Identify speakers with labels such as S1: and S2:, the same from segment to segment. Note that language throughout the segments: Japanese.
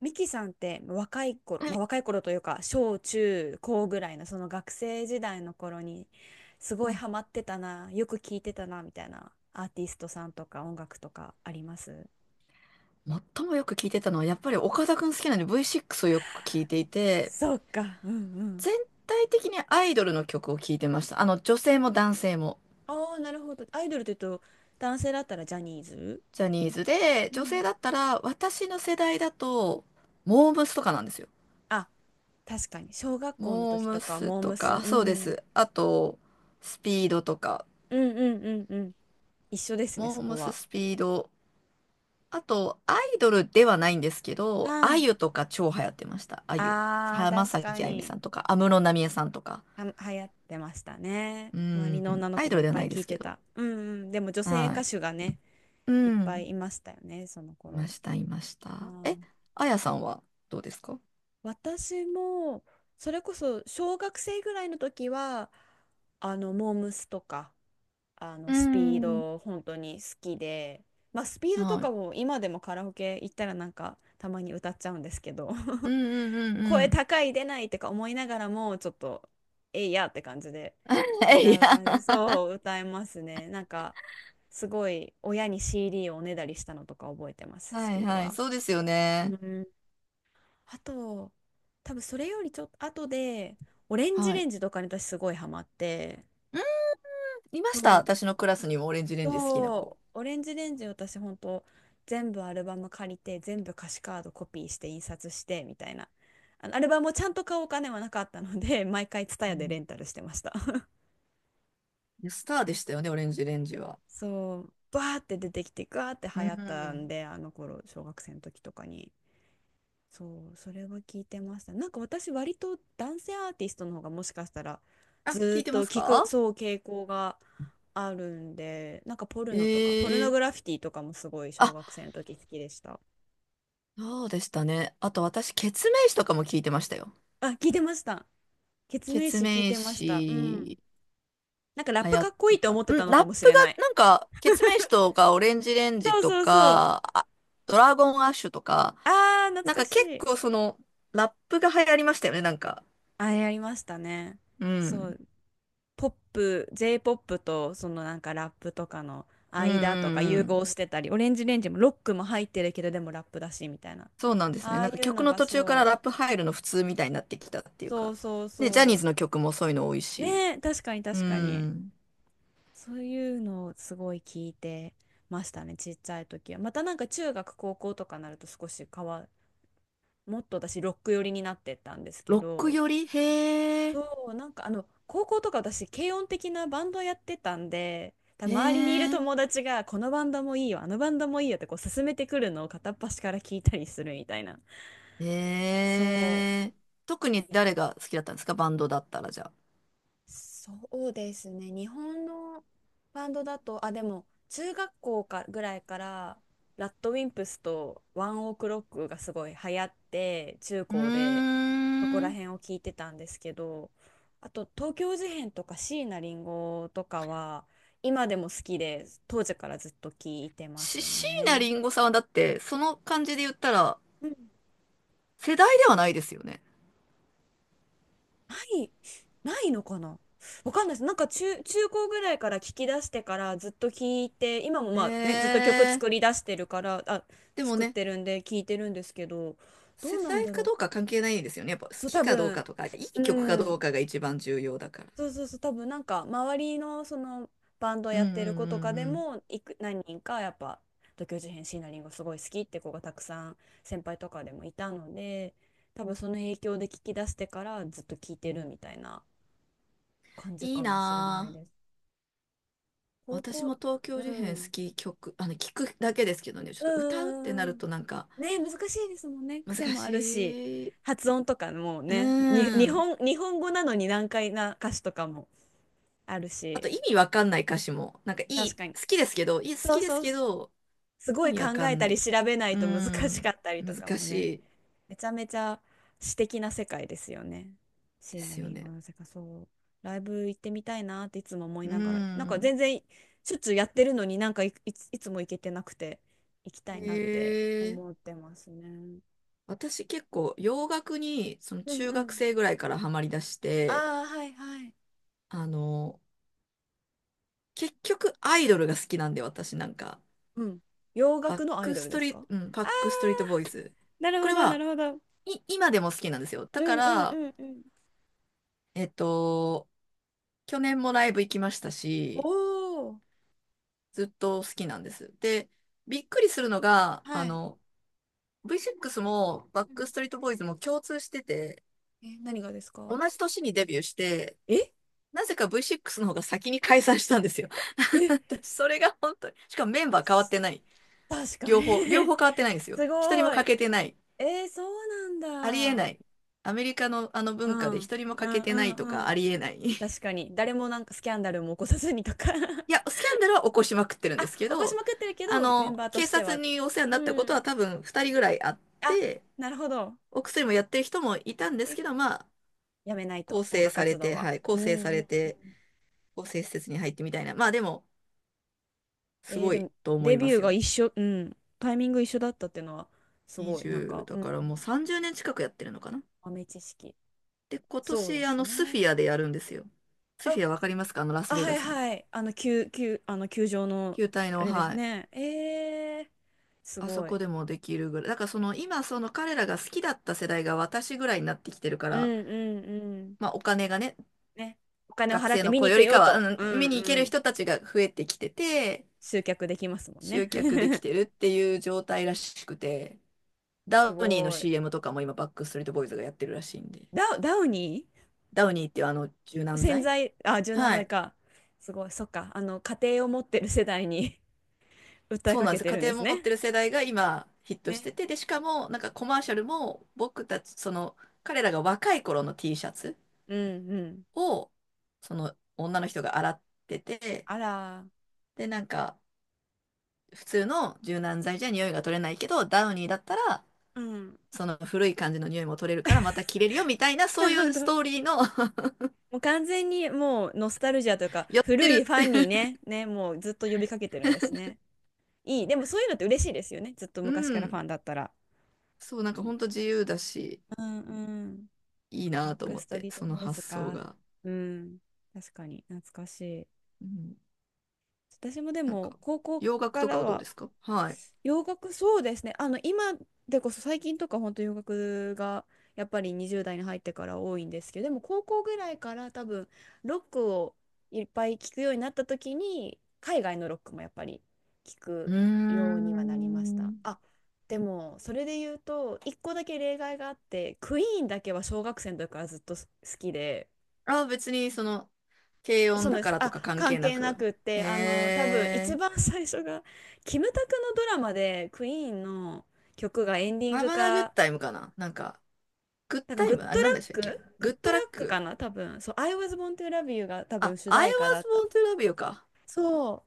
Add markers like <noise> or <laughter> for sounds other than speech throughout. S1: ミキさんって若い頃、
S2: は
S1: まあ、
S2: い。
S1: 若い頃というか小中高ぐらいのその学生時代の頃に、す
S2: う
S1: ごい
S2: ん。
S1: ハマってたな、よく聴いてたなみたいなアーティストさんとか音楽とかあります？
S2: 最もよく聞いてたのは、やっぱり岡田くん好きなんで V6 をよく聞いていて、
S1: そうか、うんうん。
S2: 全体的にアイドルの曲を聞いてました。女性も男性も。
S1: ああ、なるほど。アイドルというと男性だったらジャニーズ？
S2: ジャニーズで、
S1: う
S2: 女性
S1: ん。
S2: だったら、私の世代だと、モームスとかなんですよ。
S1: あ、確かに小学校の
S2: モー
S1: 時と
S2: ム
S1: か
S2: ス
S1: モー
S2: と
S1: ムス、
S2: か、
S1: う
S2: そうで
S1: ん。
S2: す。あと、スピードとか、
S1: うんうんうんうん。一緒ですね、
S2: モ
S1: そ
S2: ーム
S1: こ
S2: ス、
S1: は。
S2: スピード。あと、アイドルではないんですけど、
S1: は
S2: あ
S1: い。
S2: ゆとか超流行ってました。あゆ。
S1: ああ、
S2: 浜
S1: 確か
S2: 崎あゆみさ
S1: に。
S2: んとか、安室奈美恵さんとか。
S1: は、流行ってましたね。
S2: う
S1: 周りの女
S2: ん。
S1: の
S2: ア
S1: 子
S2: イド
S1: も
S2: ル
S1: いっ
S2: では
S1: ぱ
S2: な
S1: い
S2: いで
S1: 聞い
S2: す
S1: て
S2: けど。
S1: た。うん。うん。でも女性
S2: は
S1: 歌
S2: い。
S1: 手がね、
S2: う
S1: いっぱ
S2: ん。
S1: いいましたよね、その
S2: いま
S1: 頃。
S2: した、いまし
S1: あ
S2: た。え、
S1: ー。
S2: あやさんはどうですか？
S1: 私も、それこそ小学生ぐらいの時は、あの、モームスとか、あの、
S2: う
S1: スピー
S2: ん。
S1: ド、本当に好きで、まあ、スピードと
S2: は
S1: か
S2: い。
S1: も今でもカラオケ行ったらなんか、たまに歌っちゃうんですけど。
S2: う
S1: <laughs>
S2: んうんうんう
S1: 声
S2: ん。
S1: 高い出ないとか思いながらも、ちょっとえいやって感じで
S2: <laughs> え、い
S1: 歌う感じで、
S2: や。
S1: そう歌えますね、なんか。すごい親に CD をおねだりしたのとか覚えてます、ス
S2: はい
S1: ピード
S2: はい。
S1: は。
S2: そうですよ
S1: う
S2: ね。
S1: ん。あと、多分それよりちょっと後でオレンジ
S2: は
S1: レ
S2: い。
S1: ンジとかに私すごいハマって、
S2: うん。いま
S1: そ
S2: した。
S1: う
S2: 私のクラスにもオレンジレンジ好きな子。
S1: そう、オレンジレンジ私ほんと全部アルバム借りて全部歌詞カードコピーして印刷してみたいな、あのアルバムをちゃんと買うお金はなかったので毎回
S2: う
S1: TSUTAYA で
S2: ん。
S1: レンタルしてました。
S2: いや、スターでしたよね、オレンジレンジは。
S1: <laughs> そうバーって出てきてガーって
S2: う
S1: 流行ったん
S2: ん。
S1: で、あの頃小学生の時とかに、そうそれは聞いてました。なんか私割と男性アーティストの方がもしかしたら
S2: あ、
S1: ず
S2: 聞
S1: ーっ
S2: いてま
S1: と
S2: す
S1: 聞く、
S2: か？
S1: そう傾向があるんで、なんかポルノとかポルノ
S2: ええ。
S1: グラフィティとかもすごい小
S2: あ、
S1: 学生の時好きでした。
S2: そうでしたね。あと私、ケツメイシとかも聞いてましたよ。
S1: あ、聞いてました。ケツ
S2: ケ
S1: メイ
S2: ツ
S1: シ聞い
S2: メイ
S1: てました。うん。
S2: シ
S1: なんかラッ
S2: 流
S1: プ
S2: 行
S1: か
S2: っ
S1: っこい
S2: て
S1: いと思
S2: た。
S1: って
S2: うん、
S1: たの
S2: ラ
S1: か
S2: ッ
S1: もし
S2: プ
S1: れない。
S2: が、なんか、ケツメイシとか、オレンジレンジ
S1: そう
S2: と
S1: そうそう。
S2: か、あ、ドラゴンアッシュとか、
S1: あー、懐
S2: なん
S1: か
S2: か
S1: し
S2: 結
S1: い。
S2: 構ラップが流行りましたよね、なんか。
S1: あれやりましたね。
S2: う
S1: そ
S2: ん。
S1: う。ポップ、J ポップとそのなんかラップとかの
S2: うんう
S1: 間とか
S2: んう
S1: 融合
S2: ん。
S1: してたり、オレンジレンジもロックも入ってるけどでもラップだしみたいな。
S2: そうなんですね。
S1: ああ
S2: な
S1: い
S2: んか
S1: う
S2: 曲
S1: の
S2: の
S1: が
S2: 途中から
S1: そ
S2: ラ
S1: う。
S2: ップ入るの普通みたいになってきたっていう
S1: そ
S2: か。
S1: うそう
S2: ね、ジャニー
S1: そ
S2: ズの曲もそういうの多い
S1: う。ね
S2: し。
S1: え、確かに
S2: う
S1: 確かに。
S2: ん。
S1: そういうのをすごい聞いてましたね、ちっちゃい時は。またなんか中学、高校とかになると少し変わ、もっと私ロック寄りになってったんですけ
S2: ロック
S1: ど、
S2: よりへえ、
S1: そう、なんかあの、高校とか私軽音的なバンドやってたんで、多
S2: へ
S1: 分周りにいる
S2: え、
S1: 友達がこのバンドもいいよ、あのバンドもいいよってこう勧めてくるのを片っ端から聞いたりするみたいな。
S2: へ
S1: そ
S2: え。特に
S1: う。
S2: 誰が好きだったんですか？バンドだったらじゃあ。
S1: そうですね。日本のバンドだと、あ、でも、中学校かぐらいから、ラッドウィンプスとワンオクロックがすごい流行って、中
S2: うー
S1: 高でそこら
S2: ん。
S1: 辺を聞いてたんですけど、あと、東京事変とか椎名林檎とかは、今でも好きで、当時からずっと聞いてま
S2: し、
S1: す
S2: 椎名
S1: ね。
S2: 林檎さんはだって、その感じで言ったら、
S1: うん。
S2: 世代ではないですよね。
S1: ない。ないのかな。わかんないです。なんか中高ぐらいから聞き出してからずっと聞いて、今も
S2: ね
S1: まあね、ずっと曲作り
S2: え。
S1: 出してるから、あ、
S2: でも
S1: 作っ
S2: ね、
S1: てるんで聞いてるんですけど、ど
S2: 世
S1: うなん
S2: 代
S1: だ
S2: か
S1: ろう。
S2: どうか関係ないんですよね。やっぱ好
S1: そう、
S2: き
S1: 多
S2: かどうか
S1: 分、
S2: とか、いい曲か
S1: う
S2: どう
S1: ん。
S2: かが一番重要だから。
S1: そうそうそう、多分なんか周りのそのバンド
S2: うん
S1: や
S2: う
S1: っ
S2: んう
S1: てる子とか
S2: ん
S1: で
S2: うん。
S1: も、何人かやっぱ、東京事変、椎名林檎すごい好きって子がたくさん先輩とかでもいたので、多分その影響で聞き出してからずっと聞いてるみたいな感じ
S2: いい
S1: かもしれない
S2: な
S1: で
S2: あ。
S1: す。高
S2: 私
S1: 校、
S2: も東
S1: う
S2: 京事変好
S1: ん。
S2: き曲、聞くだけですけどね、ちょっ
S1: う
S2: と歌うってな
S1: んうんうんう
S2: る
S1: ん。
S2: となんか
S1: ね、難しいですもんね。
S2: 難
S1: 癖もあ
S2: し
S1: るし、
S2: い。
S1: 発音とかも
S2: う
S1: ね、
S2: ん。
S1: 日本語なのに難解な歌詞とかもある
S2: あ
S1: し、
S2: と意味わかんない歌詞も、なんかい
S1: 確
S2: い、
S1: かに。
S2: 好きですけど、いい、好
S1: そ
S2: き
S1: う
S2: です
S1: そう、
S2: けど、
S1: すご
S2: 意
S1: い
S2: 味
S1: 考
S2: わか
S1: え
S2: ん
S1: た
S2: な
S1: り
S2: い。
S1: 調べない
S2: う
S1: と難しか
S2: ん。
S1: ったりとか
S2: 難
S1: も
S2: し
S1: ね。
S2: い
S1: めちゃめちゃ詩的な世界ですよね。
S2: で
S1: 椎名
S2: すよ
S1: 林檎
S2: ね。
S1: の世界、そう。ライブ行ってみたいなっていつも思い
S2: う
S1: ながら、なんか
S2: ん。
S1: 全然しょっちゅうやってるのに、いつも行けてなくて、行きたいなって
S2: えー、
S1: 思ってますね。
S2: 私結構洋楽にその
S1: うん
S2: 中
S1: う
S2: 学
S1: ん。
S2: 生ぐらいからハマりだして、
S1: ああ、はいはい。
S2: あの、結局アイドルが好きなんで私なんか、
S1: うん。洋
S2: バッ
S1: 楽のアイ
S2: ク
S1: ド
S2: ス
S1: ルで
S2: ト
S1: す
S2: リート、
S1: か？
S2: うん、バ
S1: ああ
S2: ックストリートボーイズ。
S1: ー、なる
S2: こ
S1: ほ
S2: れ
S1: ど、な
S2: は、
S1: るほど。
S2: 今でも好きなんですよ。だ
S1: う
S2: か
S1: んうんう
S2: ら、
S1: んうん。
S2: えっと、去年もライブ行きました
S1: お
S2: し、
S1: お。
S2: ずっと好きなんです。で、びっくりするのが、
S1: はい。
S2: V6 もバッ
S1: うん。
S2: クストリートボーイズも共通してて、
S1: え、何がです
S2: 同
S1: か？
S2: じ年にデビューして、
S1: え
S2: なぜか V6 の方が先に解散したんですよ。<laughs>
S1: え？
S2: 私、それが本当に。しかもメンバー変わってない。
S1: 確かに。
S2: 両方、両
S1: <laughs>
S2: 方変わってないんですよ。
S1: す
S2: 一人も
S1: ごい。
S2: 欠けてない。
S1: えー、そうなん
S2: ありえ
S1: だ。
S2: ない。アメリカのあの
S1: う
S2: 文化
S1: ん。
S2: で
S1: うん
S2: 一人も
S1: う
S2: 欠けてないと
S1: んう
S2: かあ
S1: ん。
S2: りえない。
S1: 確
S2: <laughs>
S1: かに。誰もなんかスキャンダルも起こさずにとか。
S2: いや、
S1: <laughs>
S2: スキャンダルは起こしまくってるん
S1: あ、
S2: ですけ
S1: 起こし
S2: ど、
S1: まくってるけど、メンバーと
S2: 警
S1: して
S2: 察
S1: は。
S2: にお世話になった
S1: う
S2: こと
S1: ん。
S2: は多分二人ぐらいあっ
S1: あ、
S2: て、
S1: なるほど。
S2: お薬もやってる人もいたんです
S1: え、
S2: けど、まあ、
S1: やめないと、
S2: 構
S1: 音
S2: 成
S1: 楽
S2: され
S1: 活動
S2: て、
S1: は。
S2: はい、
S1: う
S2: 構
S1: ん
S2: 成さ
S1: う
S2: れ
S1: んう
S2: て、
S1: ん。
S2: こう施設に入ってみたいな。まあでも、す
S1: えー、
S2: ご
S1: で
S2: い
S1: も、
S2: と思
S1: デ
S2: いま
S1: ビュー
S2: すよ。
S1: が一緒、うん。タイミング一緒だったっていうのは、すごい、なん
S2: 20、
S1: か、
S2: だ
S1: うん。
S2: からもう30年近くやってるのかな。
S1: 豆知識。
S2: で、今
S1: そう
S2: 年、
S1: ですね。
S2: スフィアでやるんですよ。ス
S1: あ
S2: フィア、わかりますか？あの、ラス
S1: あ、
S2: ベ
S1: は
S2: ガ
S1: い
S2: スの。
S1: はい。あの、球、あの、球場の、
S2: 球体
S1: あ
S2: の、
S1: れです
S2: はい。
S1: ね。えー、す
S2: あそ
S1: ごい。
S2: こでもできるぐらい。だから今、その彼らが好きだった世代が私ぐらいになってきてるか
S1: う
S2: ら、
S1: んうんうん。
S2: まあお金がね、
S1: ね。お金を
S2: 学
S1: 払っ
S2: 生
S1: て
S2: の
S1: 見
S2: 子
S1: に行
S2: よ
S1: く
S2: りか
S1: よ
S2: は、
S1: と。
S2: う
S1: うん。
S2: ん、見に行け
S1: う
S2: る
S1: ん。
S2: 人たちが増えてきてて、
S1: 集客できますもんね。
S2: 集客でき
S1: <laughs>
S2: てるっていう状態らしくて、
S1: す
S2: ダウニーの
S1: ごい。
S2: CM とかも今、バックストリートボーイズがやってるらしいんで。
S1: ダウニ
S2: ダウニーっていうあの柔
S1: ー
S2: 軟
S1: 洗
S2: 剤。
S1: 剤、あ、柔軟
S2: は
S1: 剤
S2: い。
S1: か。すごい。そっか。あの、家庭を持ってる世代に、 <laughs> 訴え
S2: そう
S1: か
S2: なんで
S1: け
S2: す。
S1: て
S2: 家
S1: るんです
S2: 庭持っ
S1: ね。
S2: てる世代が今ヒットし
S1: ね。
S2: てて、で、しかもなんかコマーシャルも僕たち、その彼らが若い頃の T シャツ
S1: うんうん。
S2: をその女の人が洗ってて、
S1: あら。
S2: で、なんか普通の柔軟剤じゃ匂いが取れないけど、ダウニーだったら
S1: うん。
S2: その古い感じの匂いも取れるからまた着れるよみたいな、
S1: な
S2: そう
S1: る
S2: い
S1: ほ
S2: うス
S1: ど。
S2: トーリーの
S1: もう完全にもうノスタルジアというか
S2: <laughs> 寄って
S1: 古い
S2: る
S1: フ
S2: っ
S1: ァンに
S2: て。
S1: ね、ね、もうずっと呼びかけてるんですね。いい。でもそういうのって嬉しいですよね。ずっと
S2: う
S1: 昔からフ
S2: ん。
S1: ァンだったら。
S2: そう、なんかほんと自由だし、
S1: うんうん。
S2: いい
S1: バッ
S2: なと
S1: ク
S2: 思っ
S1: スト
S2: て、
S1: リート
S2: その
S1: ボーイズ
S2: 発想
S1: か。
S2: が。
S1: うん。確かに懐かしい。
S2: うん。
S1: 私もで
S2: なん
S1: も
S2: か、
S1: 高校
S2: 洋楽
S1: か
S2: とか
S1: ら
S2: はどう
S1: は
S2: ですか？はい。
S1: 洋楽、そうですね。あの今でこそ最近とか本当洋楽がやっぱり20代に入ってから多いんですけど、でも高校ぐらいから多分ロックをいっぱい聞くようになった時に海外のロックもやっぱり聞
S2: う
S1: く
S2: ー
S1: ようにはなりました。
S2: ん。
S1: あ、でもそれで言うと一個だけ例外があって、クイーンだけは小学生の時からずっと好きで。
S2: あ、別に軽
S1: そ
S2: 音
S1: う
S2: だ
S1: で
S2: か
S1: す。
S2: らと
S1: あ、
S2: か関
S1: 関
S2: 係な
S1: 係な
S2: く。
S1: くっ
S2: へ
S1: て、あの、多分一
S2: え。
S1: 番最初が、キムタクのドラマで、クイーンの曲がエンディン
S2: ハ
S1: グ
S2: バナグッ
S1: か、
S2: タイムかな、なんか、グッ
S1: なんか、
S2: タイム、あれなんでしたっけ、
S1: グ
S2: グ
S1: ッ
S2: ッ
S1: ド
S2: ド
S1: ラ
S2: ラッ
S1: ックか
S2: ク。
S1: な多分。そう、I was born to love you が多分
S2: あ、
S1: 主
S2: I
S1: 題歌だ
S2: was
S1: った。
S2: born to love you か。
S1: そう。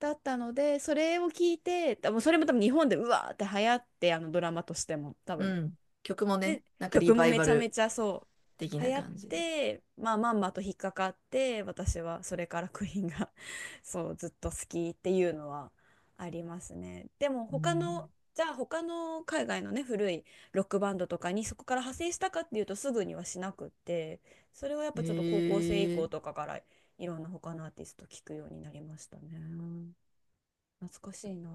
S1: だったので、それを聞いて、多分それも多分日本でうわーって流行って、あのドラマとしても、多
S2: う
S1: 分。
S2: ん。曲もね、
S1: で、
S2: なんかリ
S1: 曲も
S2: バイ
S1: め
S2: バ
S1: ちゃめ
S2: ル
S1: ちゃそ
S2: 的
S1: う流
S2: な
S1: 行っ
S2: 感じで。
S1: て、まあまんまと引っかかって私はそれからクイーンが、 <laughs> そうずっと好きっていうのはありますね。でも
S2: う
S1: 他の、
S2: ん。
S1: じゃあ他の海外のね古いロックバンドとかにそこから派生したかっていうと、すぐにはしなくって、それはやっぱちょっと高校生以
S2: へ
S1: 降と
S2: え。
S1: かからいろんな他のアーティスト聞くようになりましたね。懐かしいな。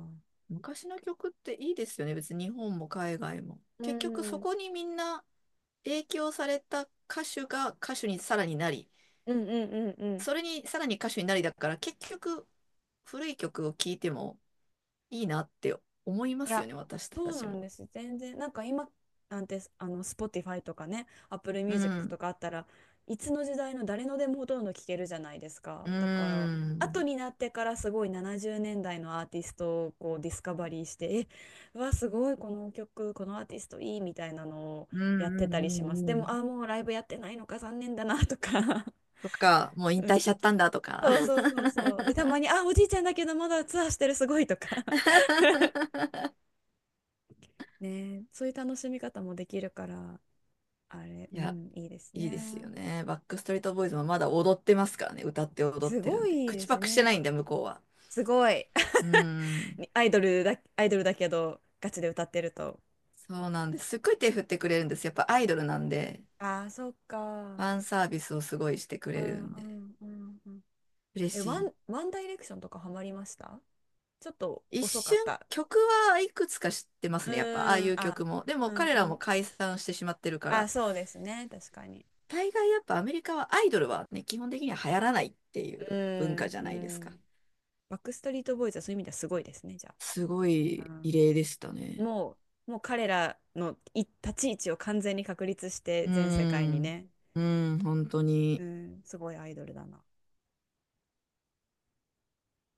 S2: 昔の曲っていいですよね。別に日本も海外も。
S1: う
S2: 結局
S1: ん、
S2: そ
S1: うん。
S2: こにみんな影響された歌手が歌手にさらになり、
S1: うんうんうん
S2: それにさらに歌手になりだから、結局、古い曲を聴いてもいいなって思いま
S1: い
S2: すよ
S1: や、
S2: ね、私
S1: そ
S2: た
S1: う
S2: ち
S1: なん
S2: も。
S1: です。全然、なんか今なんて、あの、Spotify とかね、Apple
S2: う
S1: Music
S2: ん。
S1: とかあったらいつの時代の誰のでもほとんど聴けるじゃないです
S2: う
S1: か。だから、後
S2: ん。
S1: になってからすごい70年代のアーティストをこうディスカバリーして、え、うわ、すごい、この曲、このアーティストいいみたいなのを
S2: うん
S1: やって
S2: うん
S1: たりし
S2: う
S1: ます。で
S2: んう
S1: も、
S2: ん。
S1: あ、もうライブやってないのか、残念だなとか。<laughs>
S2: とか、もう引退しちゃったんだとか。
S1: そうそうそうそう。で、たまに、あ、おじいちゃんだけどまだツアーしてる、すごいとか。<laughs>
S2: <laughs>
S1: ねえ、そういう楽しみ方もできるから。あれ、
S2: い
S1: う
S2: や、
S1: ん、いいです
S2: いいですよ
S1: ね。
S2: ね。バックストリートボーイズもまだ踊ってますからね。歌って踊っ
S1: す
S2: てる
S1: ご
S2: んで。
S1: いいいで
S2: 口
S1: す
S2: パ
S1: よ
S2: クしてな
S1: ね。
S2: いんで、向こうは。
S1: すごい。
S2: うん。
S1: <laughs> アイドルだ、アイドルだけど、ガチで歌ってると。
S2: そうなんです。すっごい手振ってくれるんです。やっぱアイドルなんで。
S1: ああ、そっ
S2: フ
S1: か。
S2: ァンサービスをすごいしてく
S1: う
S2: れる
S1: ん
S2: ん
S1: う
S2: で、
S1: んうんうん。
S2: 嬉
S1: え、
S2: しい。
S1: ワンダイレクションとかハマりました？ちょっと
S2: 一
S1: 遅か
S2: 瞬、
S1: った。
S2: 曲はいくつか知ってます
S1: う
S2: ね、やっぱ、ああい
S1: ーん、
S2: う
S1: あ、
S2: 曲も。でも
S1: うん
S2: 彼
S1: う
S2: らも
S1: ん。
S2: 解散してしまってるか
S1: あ、
S2: ら、
S1: そうですね。確かに。
S2: 大概やっぱアメリカはアイドルはね、基本的には流行らないってい
S1: う
S2: う文
S1: ー
S2: 化
S1: ん、
S2: じゃ
S1: う
S2: ないですか。
S1: ん。バックストリートボーイズはそういう意味ではすごいですね、じゃ
S2: すご
S1: あ。う
S2: い異
S1: ん、
S2: 例でしたね。
S1: ももう彼らのい立ち位置を完全に確立し
S2: う
S1: て
S2: ー
S1: 全世界に
S2: ん、
S1: ね、
S2: うん、本当
S1: う
S2: に。
S1: ん、すごいアイドルだな。